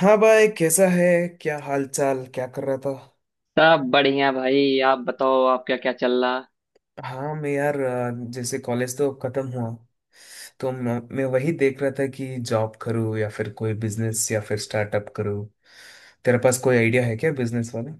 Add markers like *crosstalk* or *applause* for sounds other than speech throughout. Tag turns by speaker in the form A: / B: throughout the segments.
A: हाँ भाई, कैसा है? क्या हाल चाल? क्या कर रहा था?
B: सब बढ़िया भाई। आप बताओ, आप क्या क्या चल रहा।
A: हाँ मैं यार जैसे कॉलेज तो खत्म हुआ। तो मैं वही देख रहा था कि जॉब करूँ या फिर कोई बिजनेस या फिर स्टार्टअप करूँ। तेरे पास कोई आइडिया है क्या, बिजनेस वाला?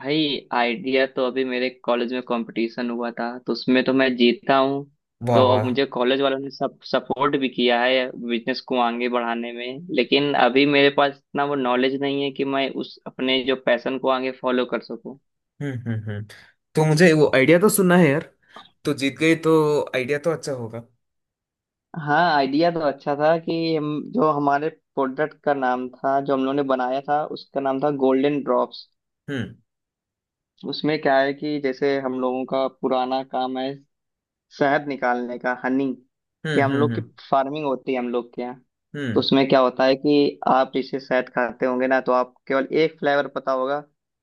B: भाई आइडिया तो अभी मेरे कॉलेज में कंपटीशन हुआ था तो उसमें तो मैं जीता हूँ।
A: वाह
B: तो अब
A: वाह।
B: मुझे कॉलेज वालों ने सब सपोर्ट भी किया है बिजनेस को आगे बढ़ाने में, लेकिन अभी मेरे पास इतना वो नॉलेज नहीं है कि मैं उस अपने जो पैशन को आगे फॉलो कर सकूं।
A: हम्म, हम्म, हम्म। तो मुझे वो आइडिया तो सुनना है यार। तो जीत गई तो। आइडिया तो अच्छा होगा।
B: हाँ आइडिया तो अच्छा था कि हम, जो हमारे प्रोडक्ट का नाम था जो हम लोगों ने बनाया था उसका नाम था गोल्डन ड्रॉप्स।
A: हम्म,
B: उसमें क्या है कि जैसे हम लोगों का पुराना काम है शहद निकालने का, हनी, कि
A: हम्म,
B: हम लोग की
A: हम्म,
B: फार्मिंग होती है हम लोग के यहाँ। तो
A: हम्म,
B: उसमें क्या होता है कि आप इसे शहद खाते होंगे ना तो आपको केवल एक फ्लेवर पता होगा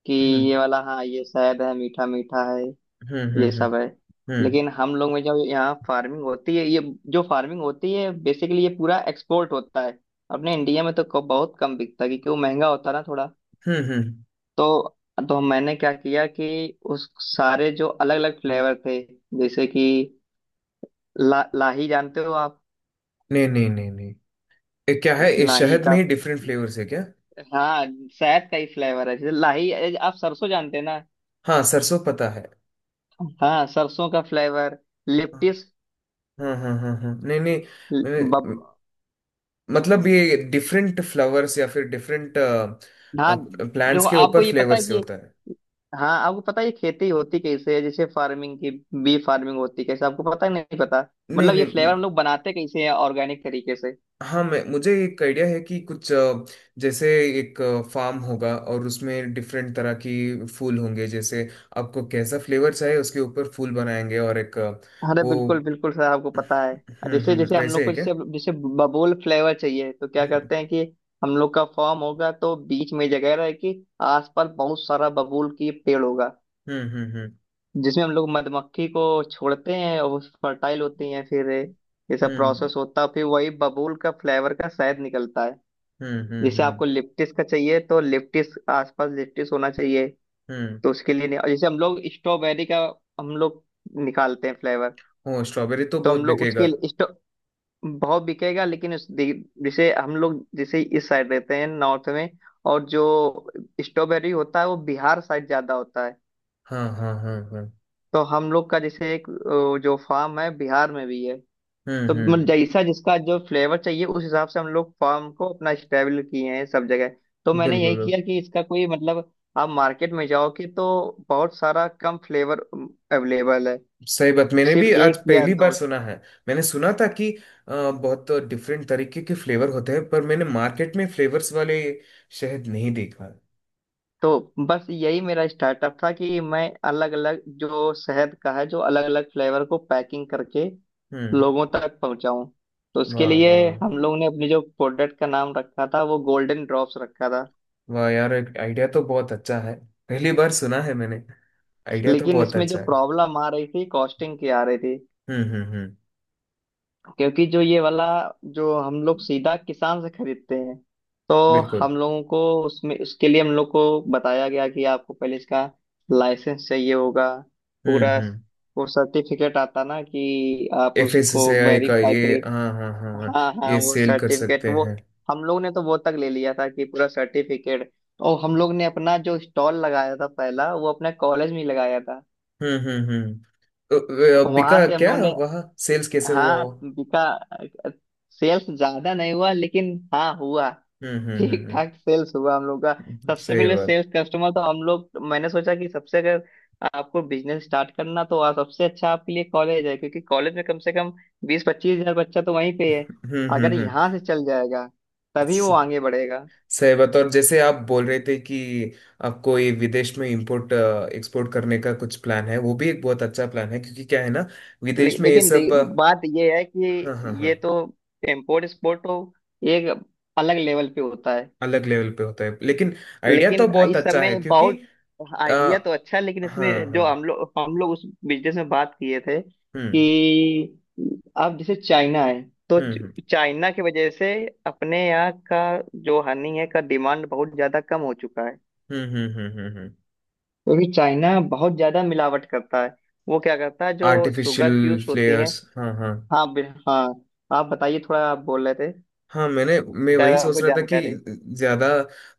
B: कि
A: हम्म,
B: ये वाला, हाँ ये शहद है मीठा मीठा है,
A: हम्म, हम्म,
B: ये
A: हम्म,
B: सब है।
A: हम्म,
B: लेकिन हम लोग में जो यहाँ फार्मिंग होती है ये, जो फार्मिंग होती है बेसिकली ये पूरा एक्सपोर्ट होता है। अपने इंडिया में तो बहुत कम बिकता है, क्योंकि वो महंगा होता है ना थोड़ा।
A: हम्म,
B: तो तो मैंने क्या किया कि उस सारे जो अलग अलग फ्लेवर थे, जैसे कि लाही जानते हो आप।
A: नहीं, नहीं, नहीं, नहीं। ये क्या है? ये
B: लाही
A: शहद
B: का?
A: में ही डिफरेंट फ्लेवर्स है क्या?
B: हाँ, शहद का ही फ्लेवर है, जैसे लाही। आप सरसों जानते हैं ना।
A: हाँ, सरसों पता है।
B: हाँ सरसों का फ्लेवर,
A: हाँ,
B: लिप्टिस,
A: हाँ, हाँ, हाँ, हाँ। नहीं, नहीं।
B: बब।
A: मैंने- मतलब ये डिफरेंट फ्लावर्स या फिर डिफरेंट
B: हाँ देखो
A: प्लांट्स के
B: आपको
A: ऊपर
B: ये पता
A: फ्लेवर
B: है
A: से
B: कि,
A: होता है।
B: हाँ आपको पता है ये खेती होती कैसे है, जैसे फार्मिंग की, बी फार्मिंग होती कैसे आपको पता है नहीं पता,
A: नहीं,
B: मतलब ये
A: नहीं,
B: फ्लेवर हम लोग बनाते कैसे हैं ऑर्गेनिक तरीके से।
A: हाँ, मैं मुझे एक आइडिया है कि कुछ जैसे एक फार्म होगा, और उसमें डिफरेंट तरह की फूल होंगे, जैसे आपको कैसा फ्लेवर चाहिए उसके ऊपर फूल बनाएंगे, और एक अ,
B: अरे बिल्कुल
A: वो
B: बिल्कुल सर, आपको पता है
A: हम्म,
B: जैसे
A: हम्म,
B: जैसे हम
A: वैसे
B: लोग
A: है
B: को
A: क्या?
B: जैसे जैसे बबूल फ्लेवर चाहिए तो क्या
A: हम्म,
B: करते हैं कि हम लोग का फॉर्म होगा तो बीच में जगह रहेगी, आसपास बहुत सारा बबूल की पेड़ होगा
A: हम्म, हम्म,
B: जिसमें हम लोग मधुमक्खी को छोड़ते हैं और फर्टाइल होती हैं, फिर ये सब
A: हम्म,
B: प्रोसेस होता है फिर वही बबूल का फ्लेवर का शहद निकलता है।
A: हम्म, हम्म, हम्म,
B: जैसे
A: हम्म,
B: आपको लिप्टिस का चाहिए तो लिप्टिस आसपास लिप्टिस होना चाहिए।
A: हम्म।
B: तो उसके लिए नहीं- और जैसे हम लोग स्ट्रॉबेरी का हम लोग निकालते हैं फ्लेवर,
A: हाँ, स्ट्रॉबेरी तो
B: तो
A: बहुत
B: हम लोग
A: बिकेगा।
B: उसके भाव बिकेगा, लेकिन जैसे हम लोग जैसे इस साइड रहते हैं नॉर्थ में और जो स्ट्रॉबेरी होता है वो बिहार साइड ज्यादा होता है।
A: हाँ, हाँ, हाँ, हाँ।
B: तो हम लोग का जैसे एक जो फार्म है बिहार में भी है।
A: हम्म,
B: तो मतलब
A: हम्म।
B: जैसा जिसका जो फ्लेवर चाहिए उस हिसाब से हम लोग फार्म को अपना स्टेबल किए हैं सब जगह। तो मैंने
A: बिल्कुल
B: यही
A: बिल्कुल।
B: किया कि इसका कोई मतलब, आप मार्केट में जाओगे तो बहुत सारा कम फ्लेवर अवेलेबल है,
A: सही बात, मैंने
B: सिर्फ
A: भी आज
B: एक या
A: पहली बार
B: दो।
A: सुना है। मैंने सुना था कि बहुत डिफरेंट तरीके के फ्लेवर होते हैं, पर मैंने मार्केट में फ्लेवर्स वाले शहद नहीं देखा।
B: तो बस यही मेरा स्टार्टअप था कि मैं अलग अलग जो शहद का है जो अलग अलग फ्लेवर को पैकिंग करके
A: हम्म।
B: लोगों तक पहुंचाऊं। तो उसके
A: वाह
B: लिए
A: वाह।
B: हम लोग ने अपने जो प्रोडक्ट का नाम रखा था वो गोल्डन ड्रॉप्स रखा था।
A: वाह यार, आइडिया तो बहुत अच्छा है। पहली बार सुना है मैंने। आइडिया तो
B: लेकिन
A: बहुत
B: इसमें जो
A: अच्छा है।
B: प्रॉब्लम आ रही थी कॉस्टिंग की आ रही थी,
A: हम्म, हम्म, हम्म।
B: क्योंकि जो ये वाला जो हम लोग सीधा किसान से खरीदते हैं, तो
A: बिल्कुल।
B: हम लोगों को उसमें उसके लिए हम लोग को बताया गया कि आपको पहले इसका लाइसेंस चाहिए होगा
A: हम्म,
B: पूरा,
A: हम्म।
B: वो सर्टिफिकेट आता ना कि आप
A: एफ एस
B: उसको
A: एस आई का
B: वेरीफाई
A: ये,
B: करिए।
A: हाँ, हाँ, हाँ, हाँ।
B: हाँ हाँ
A: ये
B: वो
A: सेल कर
B: सर्टिफिकेट,
A: सकते
B: वो
A: हैं।
B: हम लोग ने तो वो तक ले लिया था कि पूरा सर्टिफिकेट। और हम लोग ने अपना जो स्टॉल लगाया था पहला वो अपने कॉलेज में ही लगाया था।
A: हम्म, हम्म, हम्म।
B: वहां
A: बिका
B: से हम
A: क्या
B: लोग ने,
A: वहाँ? सेल्स कैसे हुआ
B: हाँ
A: वो?
B: बिका। सेल्स ज्यादा नहीं हुआ लेकिन हाँ हुआ,
A: हम्म, हम्म, हम्म,
B: ठीक ठाक सेल्स हुआ हम लोग का। सबसे
A: सही
B: पहले
A: बात।
B: सेल्स कस्टमर तो हम लोग, मैंने सोचा कि सबसे अगर आपको बिजनेस स्टार्ट करना तो वहाँ सबसे अच्छा आपके लिए कॉलेज है, क्योंकि कॉलेज में कम से कम 20-25 हजार बच्चा तो वहीं पे है।
A: हम्म, हम्म,
B: अगर यहाँ
A: हम्म।
B: से चल जाएगा तभी
A: स-
B: वो आगे बढ़ेगा।
A: सही बात, और जैसे आप बोल रहे थे कि आपको ये विदेश में इंपोर्ट एक्सपोर्ट करने का कुछ प्लान है, वो भी एक बहुत अच्छा प्लान है। क्योंकि क्या है ना, विदेश में ये
B: लेकिन
A: सब
B: बात ये है
A: हाँ, हाँ,
B: कि
A: हाँ,
B: ये तो इम्पोर्ट एक्सपोर्ट तो एक अलग लेवल पे होता है।
A: अलग लेवल पे होता है, लेकिन आइडिया तो
B: लेकिन
A: बहुत
B: इस
A: अच्छा है
B: समय
A: क्योंकि
B: बहुत,
A: आ,
B: आइडिया तो अच्छा है, लेकिन
A: हाँ,
B: इसमें
A: हाँ।
B: जो हम लोग उस बिजनेस में बात किए थे
A: हम्म,
B: कि अब जैसे चाइना है, तो
A: हम्म,
B: चाइना की वजह से अपने यहाँ का जो हनी है का डिमांड बहुत ज्यादा कम हो चुका है,
A: हम्म, हम्म, हम्म, हम्म।
B: क्योंकि चाइना बहुत ज्यादा मिलावट करता है। वो क्या करता है, जो शुगर
A: आर्टिफिशियल
B: क्यूब्स होती हैं।
A: फ्लेयर्स, हाँ, हाँ।
B: हाँ, आप बताइए थोड़ा, आप बोल रहे थे,
A: हाँ, मैं
B: शायद
A: वही सोच
B: आपको
A: रहा था कि
B: जानकारी।
A: ज्यादा,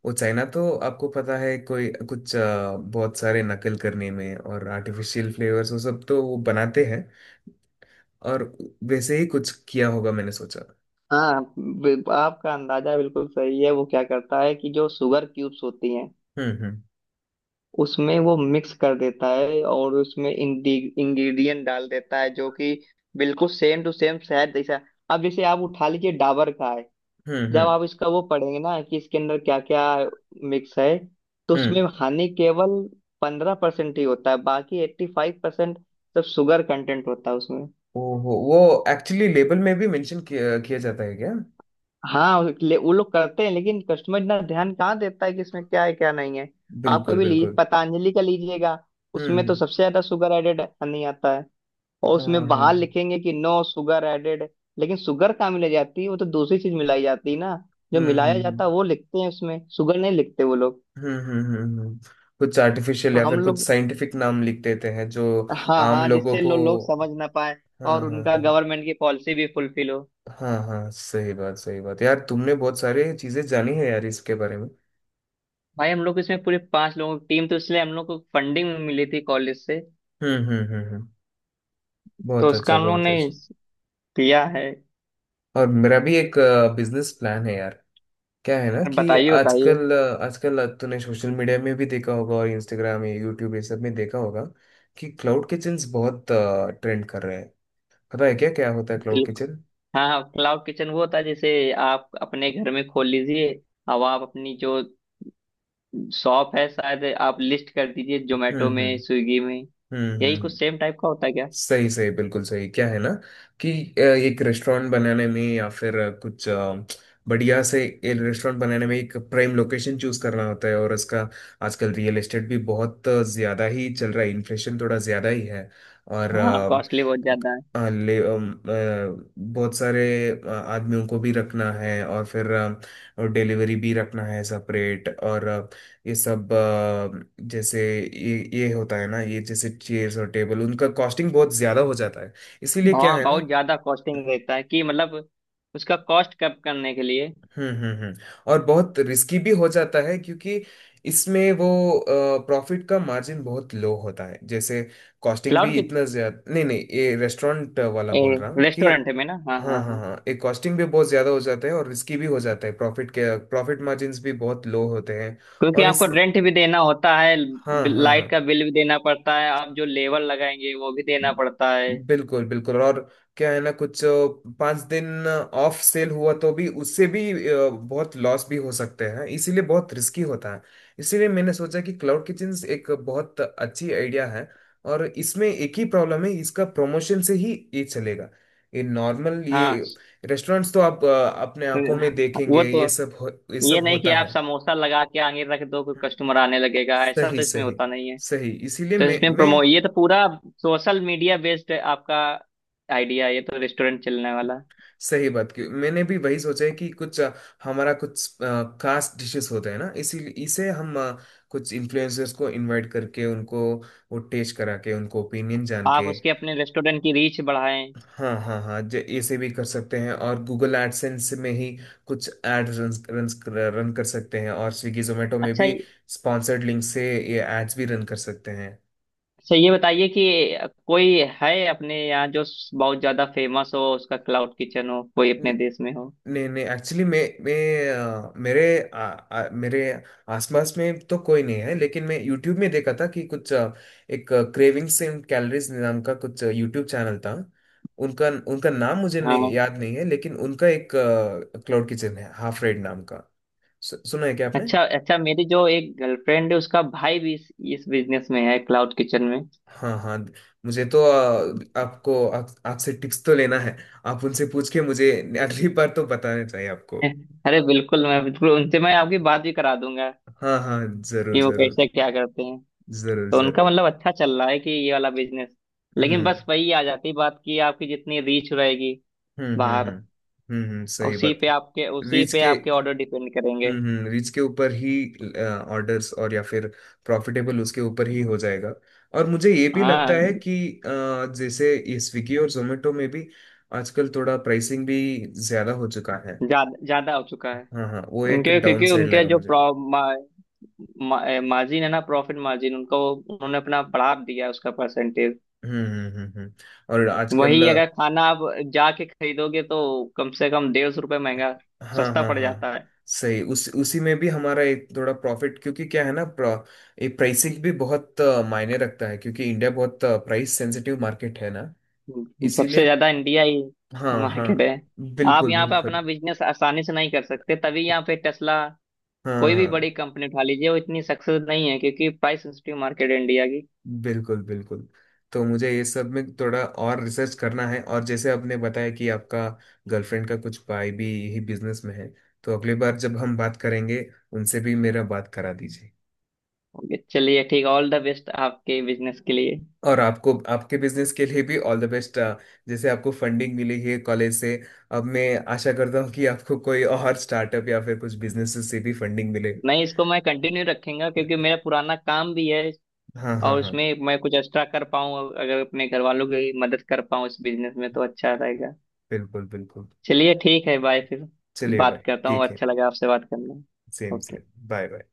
A: वो चाइना तो आपको पता है कोई कुछ बहुत सारे नकल करने में और आर्टिफिशियल फ्लेवर्स वो सब तो वो बनाते हैं। और वैसे ही कुछ किया होगा, मैंने सोचा।
B: आपका अंदाजा बिल्कुल सही है, वो क्या करता है कि जो शुगर क्यूब्स होती हैं
A: हम्म, हम्म,
B: उसमें वो मिक्स कर देता है और उसमें इंग्रेडिएंट डाल देता है जो कि बिल्कुल सेम टू सेम शहद जैसा। अब जैसे आप उठा लीजिए डाबर का है,
A: हम्म,
B: जब
A: हम्म,
B: आप इसका वो पढ़ेंगे ना कि इसके अंदर क्या क्या मिक्स है, तो
A: हम्म।
B: उसमें हानि केवल 15% ही होता है, बाकी 85% सब शुगर कंटेंट होता है उसमें।
A: ओहो, वो एक्चुअली लेबल में भी मेंशन किया जाता है क्या?
B: वो लोग करते हैं लेकिन कस्टमर इतना ध्यान कहाँ देता है कि इसमें क्या है क्या नहीं है। आप
A: बिल्कुल
B: कभी लीजिए,
A: बिल्कुल।
B: पतंजलि का लीजिएगा,
A: हम्म,
B: उसमें तो सबसे ज्यादा शुगर एडेड नहीं आता है और
A: हाँ,
B: उसमें
A: हाँ।
B: बाहर लिखेंगे कि नो शुगर एडेड। लेकिन शुगर कहाँ मिलाई जाती है, वो तो दूसरी चीज मिलाई जाती है ना, जो
A: हम्म,
B: मिलाया
A: हम्म,
B: जाता है वो लिखते हैं उसमें, शुगर नहीं लिखते वो लोग।
A: हम्म, हम्म, हम्म, कुछ आर्टिफिशियल
B: तो
A: या
B: हम
A: फिर कुछ
B: लोग,
A: साइंटिफिक नाम लिख देते हैं जो
B: हाँ
A: आम
B: हाँ,
A: लोगों
B: जिससे
A: को।
B: लोग समझ ना पाए,
A: हाँ,
B: और
A: हाँ,
B: उनका
A: हाँ,
B: गवर्नमेंट की पॉलिसी भी फुलफिल हो।
A: हाँ, हाँ, सही बात, सही बात। यार तुमने बहुत सारी चीजें जानी है यार इसके बारे में।
B: भाई हम लोग इसमें पूरे पांच लोगों की टीम, तो इसलिए हम लोग को फंडिंग मिली थी कॉलेज से।
A: हम्म, हम्म, हम्म,
B: तो
A: बहुत
B: उसका
A: अच्छा
B: हम लोग
A: बहुत
B: ने
A: अच्छा।
B: किया है।
A: और मेरा भी एक बिजनेस प्लान है यार। क्या है ना कि
B: बताइए बताइए।
A: आजकल, आजकल तूने सोशल मीडिया में भी देखा होगा, और इंस्टाग्राम या यूट्यूब ये सब में देखा होगा कि क्लाउड किचन्स बहुत ट्रेंड कर रहे हैं। पता है क्या क्या होता है क्लाउड
B: बिल्कुल,
A: किचन?
B: हाँ हाँ क्लाउड किचन वो होता है जैसे आप अपने घर में खोल लीजिए, अब आप अपनी जो शॉप है शायद आप लिस्ट कर दीजिए
A: हम्म,
B: जोमेटो में
A: हम्म,
B: स्विगी में।
A: हम्म, हम्म,
B: यही कुछ सेम टाइप का होता है क्या?
A: सही, सही, बिल्कुल सही। क्या है ना कि एक रेस्टोरेंट बनाने में, या फिर कुछ बढ़िया से एक रेस्टोरेंट बनाने में एक प्राइम लोकेशन चूज करना होता है, और इसका आजकल रियल एस्टेट भी बहुत ज्यादा ही चल रहा है, इन्फ्लेशन थोड़ा ज्यादा ही है। और
B: हाँ कॉस्टली बहुत ज्यादा है।
A: बहुत सारे आदमियों को भी रखना है, और फिर और डिलीवरी भी रखना है सेपरेट, और ये सब जैसे ये होता है ना, ये जैसे चेयर्स और टेबल उनका कॉस्टिंग बहुत ज्यादा हो जाता है, इसीलिए क्या
B: हाँ
A: है ना।
B: बहुत ज्यादा कॉस्टिंग रहता है, कि मतलब उसका कॉस्ट कम करने के लिए,
A: हम्म, हम्म, हम्म। और बहुत रिस्की भी हो जाता है, क्योंकि इसमें वो प्रॉफिट का मार्जिन बहुत लो होता है। जैसे कॉस्टिंग भी
B: क्लाउड की
A: इतना ज्यादा नहीं, नहीं ये रेस्टोरेंट वाला बोल रहा हूँ कि
B: रेस्टोरेंट में ना, हाँ
A: हाँ,
B: हाँ
A: हाँ,
B: हाँ,
A: हाँ, ये कॉस्टिंग भी बहुत ज्यादा हो जाता है, और रिस्की भी हो जाता है, प्रॉफिट मार्जिन्स भी बहुत लो होते हैं।
B: क्योंकि
A: और
B: आपको
A: इस
B: रेंट भी देना होता है,
A: हाँ, हाँ, हाँ,
B: लाइट का बिल भी देना पड़ता है, आप जो लेबर लगाएंगे वो भी देना पड़ता है।
A: बिल्कुल बिल्कुल। और क्या है ना, कुछ 5 दिन ऑफ सेल हुआ तो भी, उससे भी बहुत लॉस भी हो सकते हैं, इसीलिए बहुत रिस्की होता है। इसीलिए मैंने सोचा कि क्लाउड किचन एक बहुत अच्छी आइडिया है। और इसमें एक ही प्रॉब्लम है, इसका प्रमोशन से ही ये चलेगा। ये नॉर्मल
B: हाँ
A: ये रेस्टोरेंट्स तो आप अपने आंखों में
B: वो
A: देखेंगे,
B: तो,
A: ये
B: ये
A: सब
B: नहीं कि
A: होता
B: आप
A: है।
B: समोसा लगा के आगे रख दो कोई
A: हम्म।
B: कस्टमर आने लगेगा, ऐसा
A: सही,
B: तो इसमें
A: सही,
B: होता नहीं है।
A: सही। इसीलिए
B: तो इसमें
A: मैं
B: प्रमो ये तो पूरा सोशल मीडिया बेस्ड है आपका आइडिया, ये तो रेस्टोरेंट चलने वाला,
A: सही बात की मैंने भी वही सोचा है कि कुछ हमारा कुछ खास डिशेस होते हैं ना इसी, इसे हम कुछ इन्फ्लुएंसर्स को इनवाइट करके, उनको वो टेस्ट करा के, उनको ओपिनियन जान
B: आप
A: के
B: उसके अपने रेस्टोरेंट की रीच बढ़ाएं।
A: हाँ, हाँ, हाँ, जे ऐसे भी कर सकते हैं, और गूगल एडसेंस में ही कुछ एड रन रन रन कर सकते हैं, और स्विगी जोमेटो में
B: अच्छा
A: भी
B: ये-
A: स्पॉन्सर्ड लिंक से ये एड्स भी रन कर सकते हैं।
B: अच्छा ये बताइए कि कोई है अपने यहाँ जो बहुत ज्यादा फेमस हो, उसका क्लाउड किचन हो कोई अपने देश में हो?
A: नहीं, नहीं, एक्चुअली मैं मेरे आसपास में तो कोई नहीं है, लेकिन मैं यूट्यूब में देखा था कि कुछ एक क्रेविंग्स एंड कैलोरीज नाम का कुछ यूट्यूब चैनल था। उनका उनका नाम मुझे नहीं
B: हाँ,
A: याद नहीं है, लेकिन उनका एक क्लाउड किचन है हाफ रेड नाम का। सुना है क्या आपने?
B: अच्छा अच्छा, मेरी जो एक गर्लफ्रेंड है उसका भाई भी इस बिजनेस में है, क्लाउड किचन में।
A: हाँ, हाँ। मुझे तो आपसे टिप्स तो लेना है। आप उनसे पूछ के मुझे अगली बार तो बताना चाहिए आपको।
B: *laughs* अरे बिल्कुल, मैं बिल्कुल उनसे, मैं आपकी बात भी करा दूंगा
A: हाँ, हाँ। जरूर
B: कि वो
A: जरूर,
B: कैसे क्या करते हैं।
A: जरूर
B: तो उनका
A: जरूर।
B: मतलब अच्छा चल रहा है कि ये वाला बिजनेस, लेकिन
A: हम्म,
B: बस वही आ जाती बात कि आपकी जितनी रीच रहेगी
A: हम्म, हम्म,
B: बाहर,
A: हम्म, हम्म, सही
B: उसी
A: बात।
B: पे आपके उसी
A: रीच
B: पे
A: के
B: आपके ऑर्डर डिपेंड करेंगे।
A: हम्म, हम्म, रीच के ऊपर ही ऑर्डर्स और या फिर प्रॉफिटेबल उसके ऊपर ही हो जाएगा। और मुझे ये भी लगता
B: हाँ
A: है कि अ, जैसे ये स्विगी और जोमेटो में भी आजकल थोड़ा प्राइसिंग भी ज्यादा हो चुका है।
B: ज्यादा ज्यादा हो चुका है,
A: हाँ, हाँ, वो एक
B: उनके
A: डाउन
B: क्योंकि
A: साइड
B: उनके
A: लगेगा
B: जो
A: मुझे।
B: मार्जिन है ना प्रॉफिट मार्जिन, उनको उन्होंने अपना बढ़ा दिया है उसका परसेंटेज।
A: हम्म, हम्म, हम्म, और आजकल,
B: वही अगर खाना आप जाके खरीदोगे तो कम से कम 150 रुपये महंगा
A: हाँ,
B: सस्ता
A: हाँ,
B: पड़
A: हाँ,
B: जाता है।
A: सही उस उसी में भी हमारा एक थोड़ा प्रॉफिट, क्योंकि क्या है ना ये प्राइसिंग भी बहुत मायने रखता है, क्योंकि इंडिया बहुत प्राइस सेंसिटिव मार्केट है ना।
B: सबसे
A: इसीलिए,
B: ज्यादा इंडिया ही
A: हाँ, हाँ,
B: मार्केट है। आप
A: बिल्कुल
B: यहाँ पे अपना
A: बिल्कुल,
B: बिजनेस आसानी से नहीं कर सकते, तभी यहाँ पे टेस्ला
A: हाँ,
B: कोई भी
A: हाँ,
B: बड़ी कंपनी उठा लीजिए वो इतनी सक्सेस नहीं है, क्योंकि प्राइस सेंसिटिव मार्केट है इंडिया की।
A: बिल्कुल बिल्कुल। तो मुझे ये सब में थोड़ा और रिसर्च करना है, और जैसे आपने बताया कि आपका गर्लफ्रेंड का कुछ भाई भी यही बिजनेस में है, तो अगली बार जब हम बात करेंगे उनसे भी मेरा बात करा दीजिए।
B: ओके, चलिए ठीक, ऑल द बेस्ट आपके बिजनेस के लिए।
A: और आपको आपके बिजनेस के लिए भी ऑल द बेस्ट। जैसे आपको फंडिंग मिली है कॉलेज से, अब मैं आशा करता हूँ कि आपको कोई और स्टार्टअप या फिर कुछ बिजनेस से भी फंडिंग मिले।
B: नहीं इसको मैं कंटिन्यू रखूंगा क्योंकि मेरा पुराना काम भी है,
A: हाँ, हाँ,
B: और
A: हाँ।
B: उसमें मैं कुछ एक्स्ट्रा कर पाऊँ, अगर अपने घर वालों की मदद कर पाऊँ इस बिजनेस में तो अच्छा रहेगा।
A: बिल्कुल बिल्कुल।
B: चलिए ठीक है, बाय फिर,
A: चलिए भाई।
B: बात करता हूँ,
A: ठीक है।
B: अच्छा लगा आपसे बात करना।
A: Same
B: okay.
A: Same, bye bye.